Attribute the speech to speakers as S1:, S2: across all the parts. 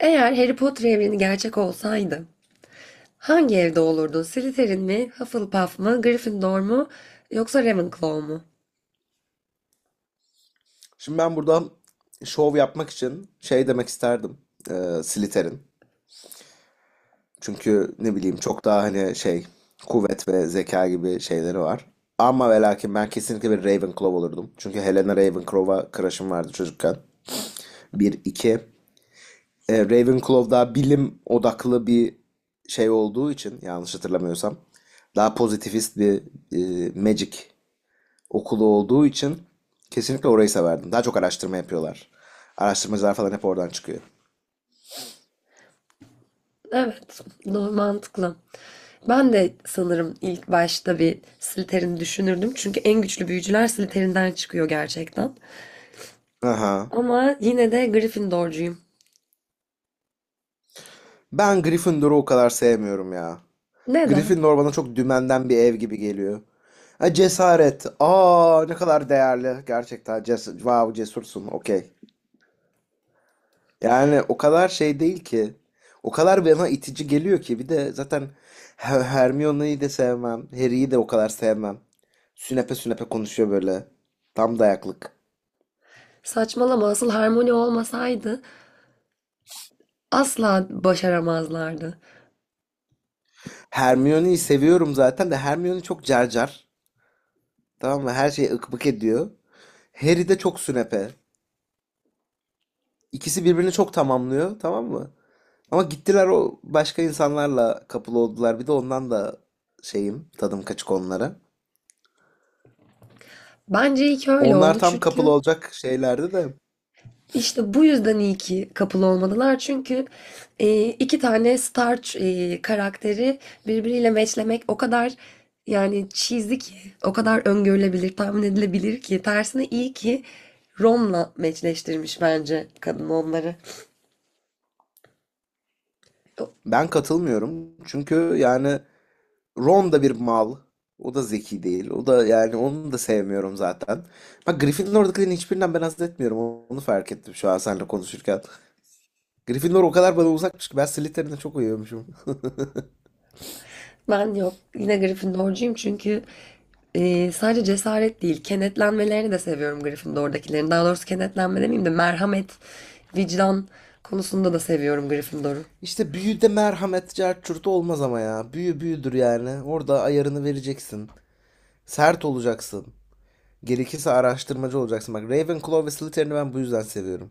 S1: Eğer Harry Potter evreni gerçek olsaydı hangi evde olurdu? Slytherin mi, Hufflepuff mı, Gryffindor mu yoksa Ravenclaw mu?
S2: Şimdi ben burada şov yapmak için şey demek isterdim. Slytherin. Çünkü ne bileyim çok daha hani şey kuvvet ve zeka gibi şeyleri var. Ama ve lakin ben kesinlikle bir Ravenclaw olurdum. Çünkü Helena Ravenclaw'a crush'ım vardı çocukken. Bir, iki. Ravenclaw daha bilim odaklı bir şey olduğu için yanlış hatırlamıyorsam. Daha pozitivist bir magic okulu olduğu için kesinlikle orayı severdim. Daha çok araştırma yapıyorlar. Araştırmacılar falan hep oradan çıkıyor.
S1: Evet, doğru mantıklı. Ben de sanırım ilk başta bir Slytherin düşünürdüm. Çünkü en güçlü büyücüler Slytherin'den çıkıyor gerçekten.
S2: Aha.
S1: Ama yine de Gryffindorcuyum.
S2: Ben Gryffindor'u o kadar sevmiyorum ya.
S1: Neden?
S2: Gryffindor bana çok dümenden bir ev gibi geliyor. Ha, cesaret. Aa ne kadar değerli. Gerçekten wow, cesursun. Okey. Yani o kadar şey değil ki. O kadar bana itici geliyor ki. Bir de zaten Hermione'yi de sevmem. Harry'yi de o kadar sevmem. Sünepe sünepe konuşuyor böyle. Tam dayaklık.
S1: Saçmalama, asıl Harmony olmasaydı asla başaramazlardı.
S2: Hermione'yi seviyorum zaten de Hermione çok carcar. Tamam mı? Her şeyi ıkmık ediyor. Harry de çok sünepe. İkisi birbirini çok tamamlıyor, tamam mı? Ama gittiler o başka insanlarla kapılı oldular. Bir de ondan da şeyim, tadım kaçık onlara.
S1: Bence iyi ki öyle
S2: Onlar
S1: oldu,
S2: tam kapılı
S1: çünkü
S2: olacak şeylerdi de
S1: İşte bu yüzden iyi ki kapılı olmadılar. Çünkü iki tane star karakteri birbiriyle matchlemek o kadar yani cheesy ki, o kadar öngörülebilir, tahmin edilebilir ki. Tersine iyi ki Rom'la matchleştirmiş bence kadın onları.
S2: ben katılmıyorum. Çünkü yani Ron da bir mal. O da zeki değil. O da yani onu da sevmiyorum zaten. Bak Gryffindor'dakilerin hiçbirinden ben haz etmiyorum. Onu fark ettim şu an seninle konuşurken. Gryffindor o kadar bana uzakmış ki ben Slytherin'e çok uyuyormuşum.
S1: Ben yok yine Gryffindorcuyum, çünkü sadece cesaret değil kenetlenmelerini de seviyorum Gryffindor'dakilerin. Daha doğrusu kenetlenme demeyeyim de merhamet, vicdan konusunda da seviyorum Gryffindor'u.
S2: İşte büyüde merhamet cart curt olmaz ama ya. Büyü büyüdür yani. Orada ayarını vereceksin. Sert olacaksın. Gerekirse araştırmacı olacaksın. Bak Ravenclaw ve Slytherin'i ben bu yüzden seviyorum.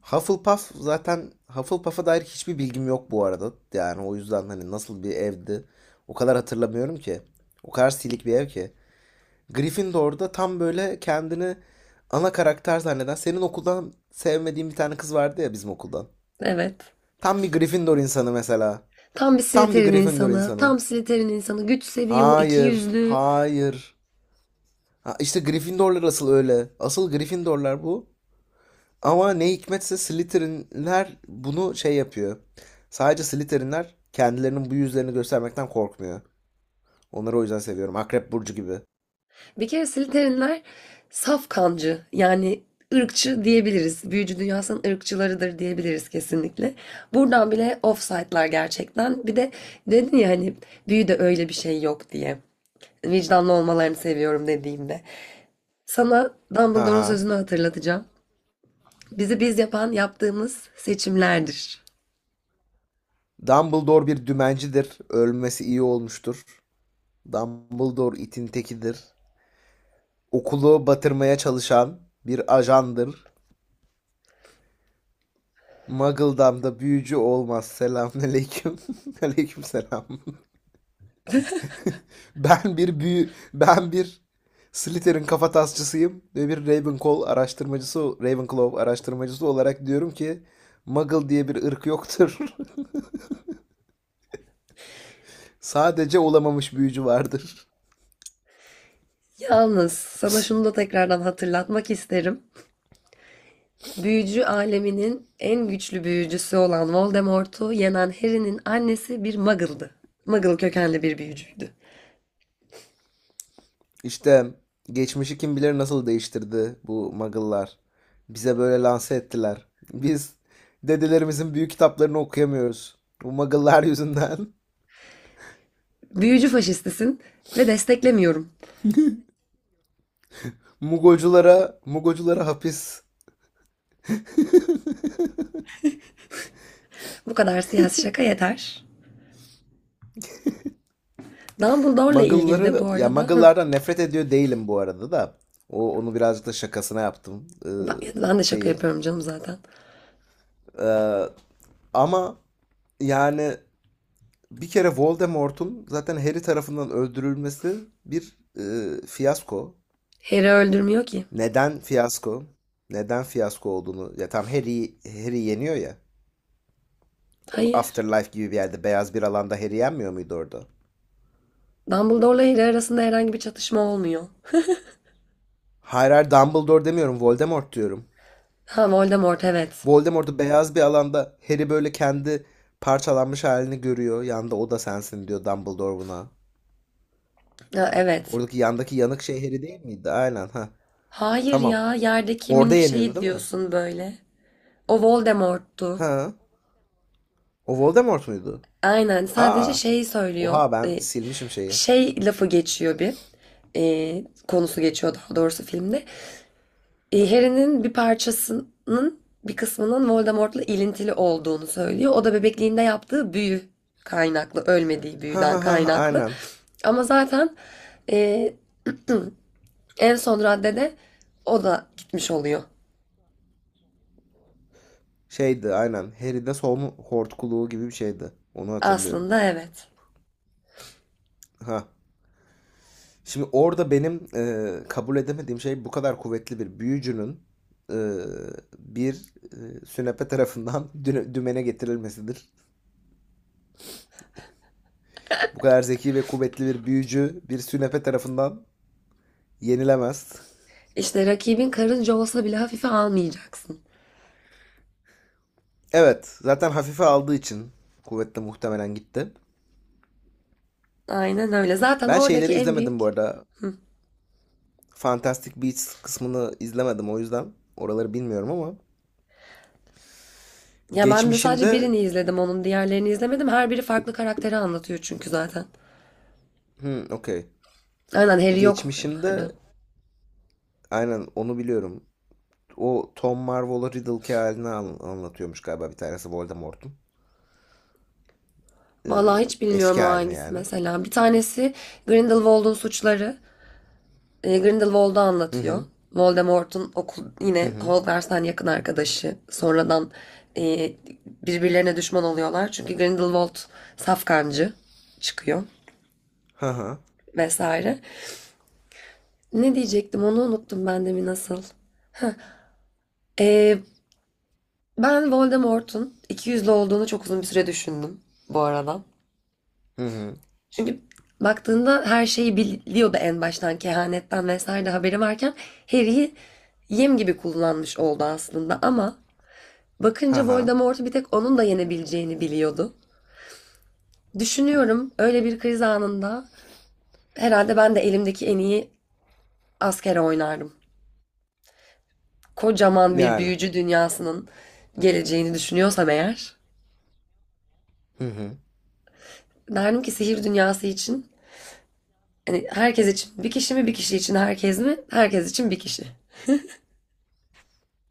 S2: Hufflepuff zaten Hufflepuff'a dair hiçbir bilgim yok bu arada. Yani o yüzden hani nasıl bir evdi o kadar hatırlamıyorum ki. O kadar silik bir ev ki. Gryffindor'da tam böyle kendini ana karakter zanneden senin okuldan sevmediğin bir tane kız vardı ya bizim okuldan.
S1: Evet.
S2: Tam bir Gryffindor insanı mesela.
S1: Tam bir
S2: Tam bir
S1: Slytherin
S2: Gryffindor
S1: insanı.
S2: insanı.
S1: Tam Slytherin insanı. Güç seviyor, iki
S2: Hayır,
S1: yüzlü.
S2: hayır. Ha, işte Gryffindorlar asıl öyle. Asıl Gryffindorlar bu. Ama ne hikmetse Slytherinler bunu şey yapıyor. Sadece Slytherinler kendilerinin bu yüzlerini göstermekten korkmuyor. Onları o yüzden seviyorum. Akrep Burcu gibi.
S1: Bir kere Slytherinler saf kancı. Yani ırkçı diyebiliriz. Büyücü dünyasının ırkçılarıdır diyebiliriz kesinlikle. Buradan bile offside'lar gerçekten. Bir de dedin ya hani büyüde öyle bir şey yok diye. Vicdanlı olmalarını seviyorum dediğimde. Sana
S2: Ha
S1: Dumbledore'un
S2: ha.
S1: sözünü hatırlatacağım. Bizi biz yapan yaptığımız seçimlerdir.
S2: Dumbledore bir dümencidir. Ölmesi iyi olmuştur. Dumbledore itin tekidir. Okulu batırmaya çalışan bir ajandır. Muggledam'da büyücü olmaz. Selamünaleyküm. Aleykümselam. Ben bir Slytherin kafatasçısıyım ve bir Ravenclaw araştırmacısı olarak diyorum ki Muggle diye bir ırk yoktur. Sadece olamamış büyücü vardır.
S1: Yalnız sana şunu da tekrardan hatırlatmak isterim. Büyücü aleminin en güçlü büyücüsü olan Voldemort'u yenen Harry'nin annesi bir muggle'dı. Muggle kökenli bir büyücüydü.
S2: İşte geçmişi kim bilir nasıl değiştirdi bu Muggle'lar. Bize böyle lanse ettiler. Biz dedelerimizin büyük kitaplarını okuyamıyoruz. Bu Muggle'lar yüzünden.
S1: Büyücü faşistisin ve desteklemiyorum.
S2: Mugoculara, Mugoculara hapis.
S1: Bu kadar siyasi şaka yeter. Dumbledore'la ilgili de bu
S2: Muggle'ları, ya
S1: arada.
S2: Muggle'lardan nefret ediyor değilim bu arada da. O onu birazcık da şakasına yaptım
S1: Ben de şaka
S2: şeyi.
S1: yapıyorum canım zaten.
S2: Ee, ama yani bir kere Voldemort'un zaten Harry tarafından öldürülmesi bir fiyasko.
S1: Harry öldürmüyor ki.
S2: Neden fiyasko? Neden fiyasko olduğunu. Ya tam Harry Harry yeniyor ya.
S1: Hayır.
S2: Afterlife gibi bir yerde beyaz bir alanda Harry yenmiyor muydu orada?
S1: Dumbledore'la Harry arasında herhangi bir çatışma olmuyor.
S2: Hayır hayır Dumbledore demiyorum, Voldemort diyorum.
S1: Ha, Voldemort, evet.
S2: Voldemort'u beyaz bir alanda Harry böyle kendi parçalanmış halini görüyor. Yanda o da sensin diyor Dumbledore buna.
S1: Ha, evet.
S2: Oradaki yandaki yanık şey Harry değil miydi? Aynen ha.
S1: Hayır
S2: Tamam.
S1: ya, yerdeki
S2: Orada
S1: minik
S2: yeniyordu
S1: şeyi
S2: değil mi?
S1: diyorsun böyle. O Voldemort'tu.
S2: Ha. O Voldemort muydu?
S1: Aynen, sadece
S2: Aa.
S1: şey söylüyor,
S2: Oha ben silmişim şeyi.
S1: şey lafı geçiyor, bir konusu geçiyor daha doğrusu filmde. Harry'nin bir parçasının bir kısmının Voldemort'la ilintili olduğunu söylüyor. O da bebekliğinde yaptığı büyü kaynaklı, ölmediği
S2: Ha
S1: büyüden
S2: ha ha
S1: kaynaklı,
S2: aynen.
S1: ama zaten e, en son raddede o da gitmiş oluyor.
S2: Şeydi aynen. Harry'de solun hortkuluğu gibi bir şeydi. Onu hatırlıyorum.
S1: Aslında evet.
S2: Ha. Şimdi orada benim kabul edemediğim şey bu kadar kuvvetli bir büyücünün e, bir sünepe tarafından dümene getirilmesidir. Bu kadar zeki ve kuvvetli bir büyücü bir sünepe tarafından yenilemez.
S1: İşte rakibin karınca olsa bile hafife almayacaksın.
S2: Evet, zaten hafife aldığı için kuvvetle muhtemelen gitti.
S1: Aynen öyle. Zaten
S2: Ben
S1: oradaki
S2: şeyleri
S1: en
S2: izlemedim
S1: büyük.
S2: bu arada.
S1: Hı.
S2: Fantastic Beasts kısmını izlemedim o yüzden oraları bilmiyorum ama
S1: Ya ben de sadece
S2: geçmişinde
S1: birini izledim onun. Diğerlerini izlemedim. Her biri farklı karakteri anlatıyor çünkü zaten.
S2: okey.
S1: Aynen, Harry yok onlarda.
S2: Geçmişinde aynen onu biliyorum. O Tom Marvola Riddle'ki halini anlatıyormuş galiba bir tanesi Voldemort'un. Ee,
S1: Vallahi hiç bilmiyorum
S2: eski
S1: o
S2: halini
S1: hangisi
S2: yani.
S1: mesela. Bir tanesi Grindelwald'un suçları. Grindelwald'u
S2: Hı
S1: anlatıyor.
S2: hı.
S1: Voldemort'un okul
S2: Hı
S1: yine
S2: hı.
S1: Hogwarts'tan yakın arkadaşı. Sonradan e, birbirlerine düşman oluyorlar. Çünkü Grindelwald safkancı çıkıyor
S2: Ha ha.
S1: vesaire. Ne diyecektim onu unuttum ben de mi nasıl? Ee, Ben Voldemort'un ikiyüzlü olduğunu çok uzun bir süre düşündüm bu arada.
S2: Hı hı.
S1: Çünkü baktığında her şeyi biliyordu en baştan, kehanetten vesaire de haberi varken Harry'i yem gibi kullanmış oldu aslında, ama
S2: Ha
S1: bakınca
S2: ha.
S1: Voldemort'u bir tek onun da yenebileceğini biliyordu. Düşünüyorum, öyle bir kriz anında herhalde ben de elimdeki en iyi askere oynardım. Kocaman bir
S2: Yani.
S1: büyücü dünyasının geleceğini düşünüyorsam eğer,
S2: Hı hı.
S1: derdim ki sihir dünyası için hani herkes için bir kişi mi, bir kişi için herkes mi? Herkes için bir kişi.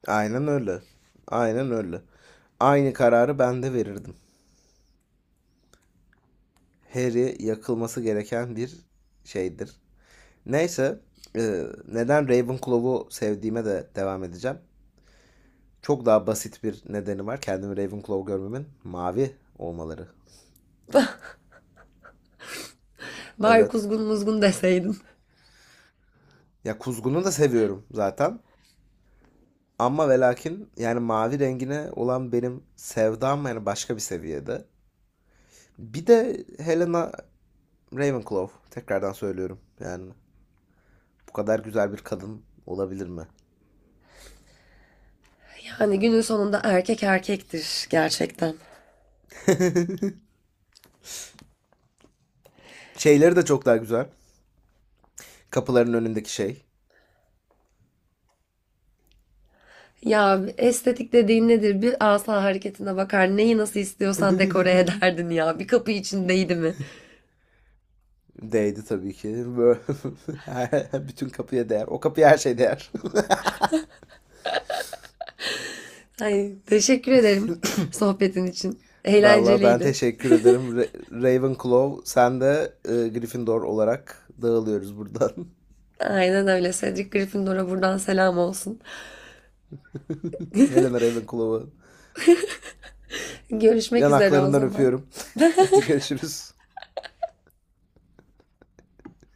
S2: Aynen öyle. Aynen öyle. Aynı kararı ben de verirdim. Harry yakılması gereken bir şeydir. Neyse, neden Ravenclaw'u sevdiğime de devam edeceğim. Çok daha basit bir nedeni var. Kendimi Ravenclaw görmemin mavi olmaları.
S1: Bari
S2: Evet.
S1: kuzgun muzgun deseydim.
S2: Ya kuzgunu da seviyorum zaten. Ama ve lakin yani mavi rengine olan benim sevdam yani başka bir seviyede. Bir de Helena Ravenclaw. Tekrardan söylüyorum. Yani bu kadar güzel bir kadın olabilir mi?
S1: Yani günün sonunda erkek erkektir gerçekten.
S2: Şeyleri de çok daha güzel. Kapıların önündeki şey.
S1: Ya estetik dediğin nedir? Bir asa hareketine bakar. Neyi nasıl istiyorsan dekore ederdin ya. Bir kapı içindeydi mi?
S2: Değdi tabii ki. Bütün kapıya değer. O kapıya her şey değer.
S1: Ay, teşekkür ederim sohbetin için.
S2: Vallahi ben
S1: Eğlenceliydi.
S2: teşekkür ederim. Ravenclaw sen de Gryffindor olarak dağılıyoruz buradan.
S1: Aynen öyle. Cedric Gryffindor'a buradan selam olsun.
S2: Helena Ravenclaw'ı
S1: Görüşmek üzere o
S2: yanaklarından
S1: zaman.
S2: öpüyorum. Hadi görüşürüz.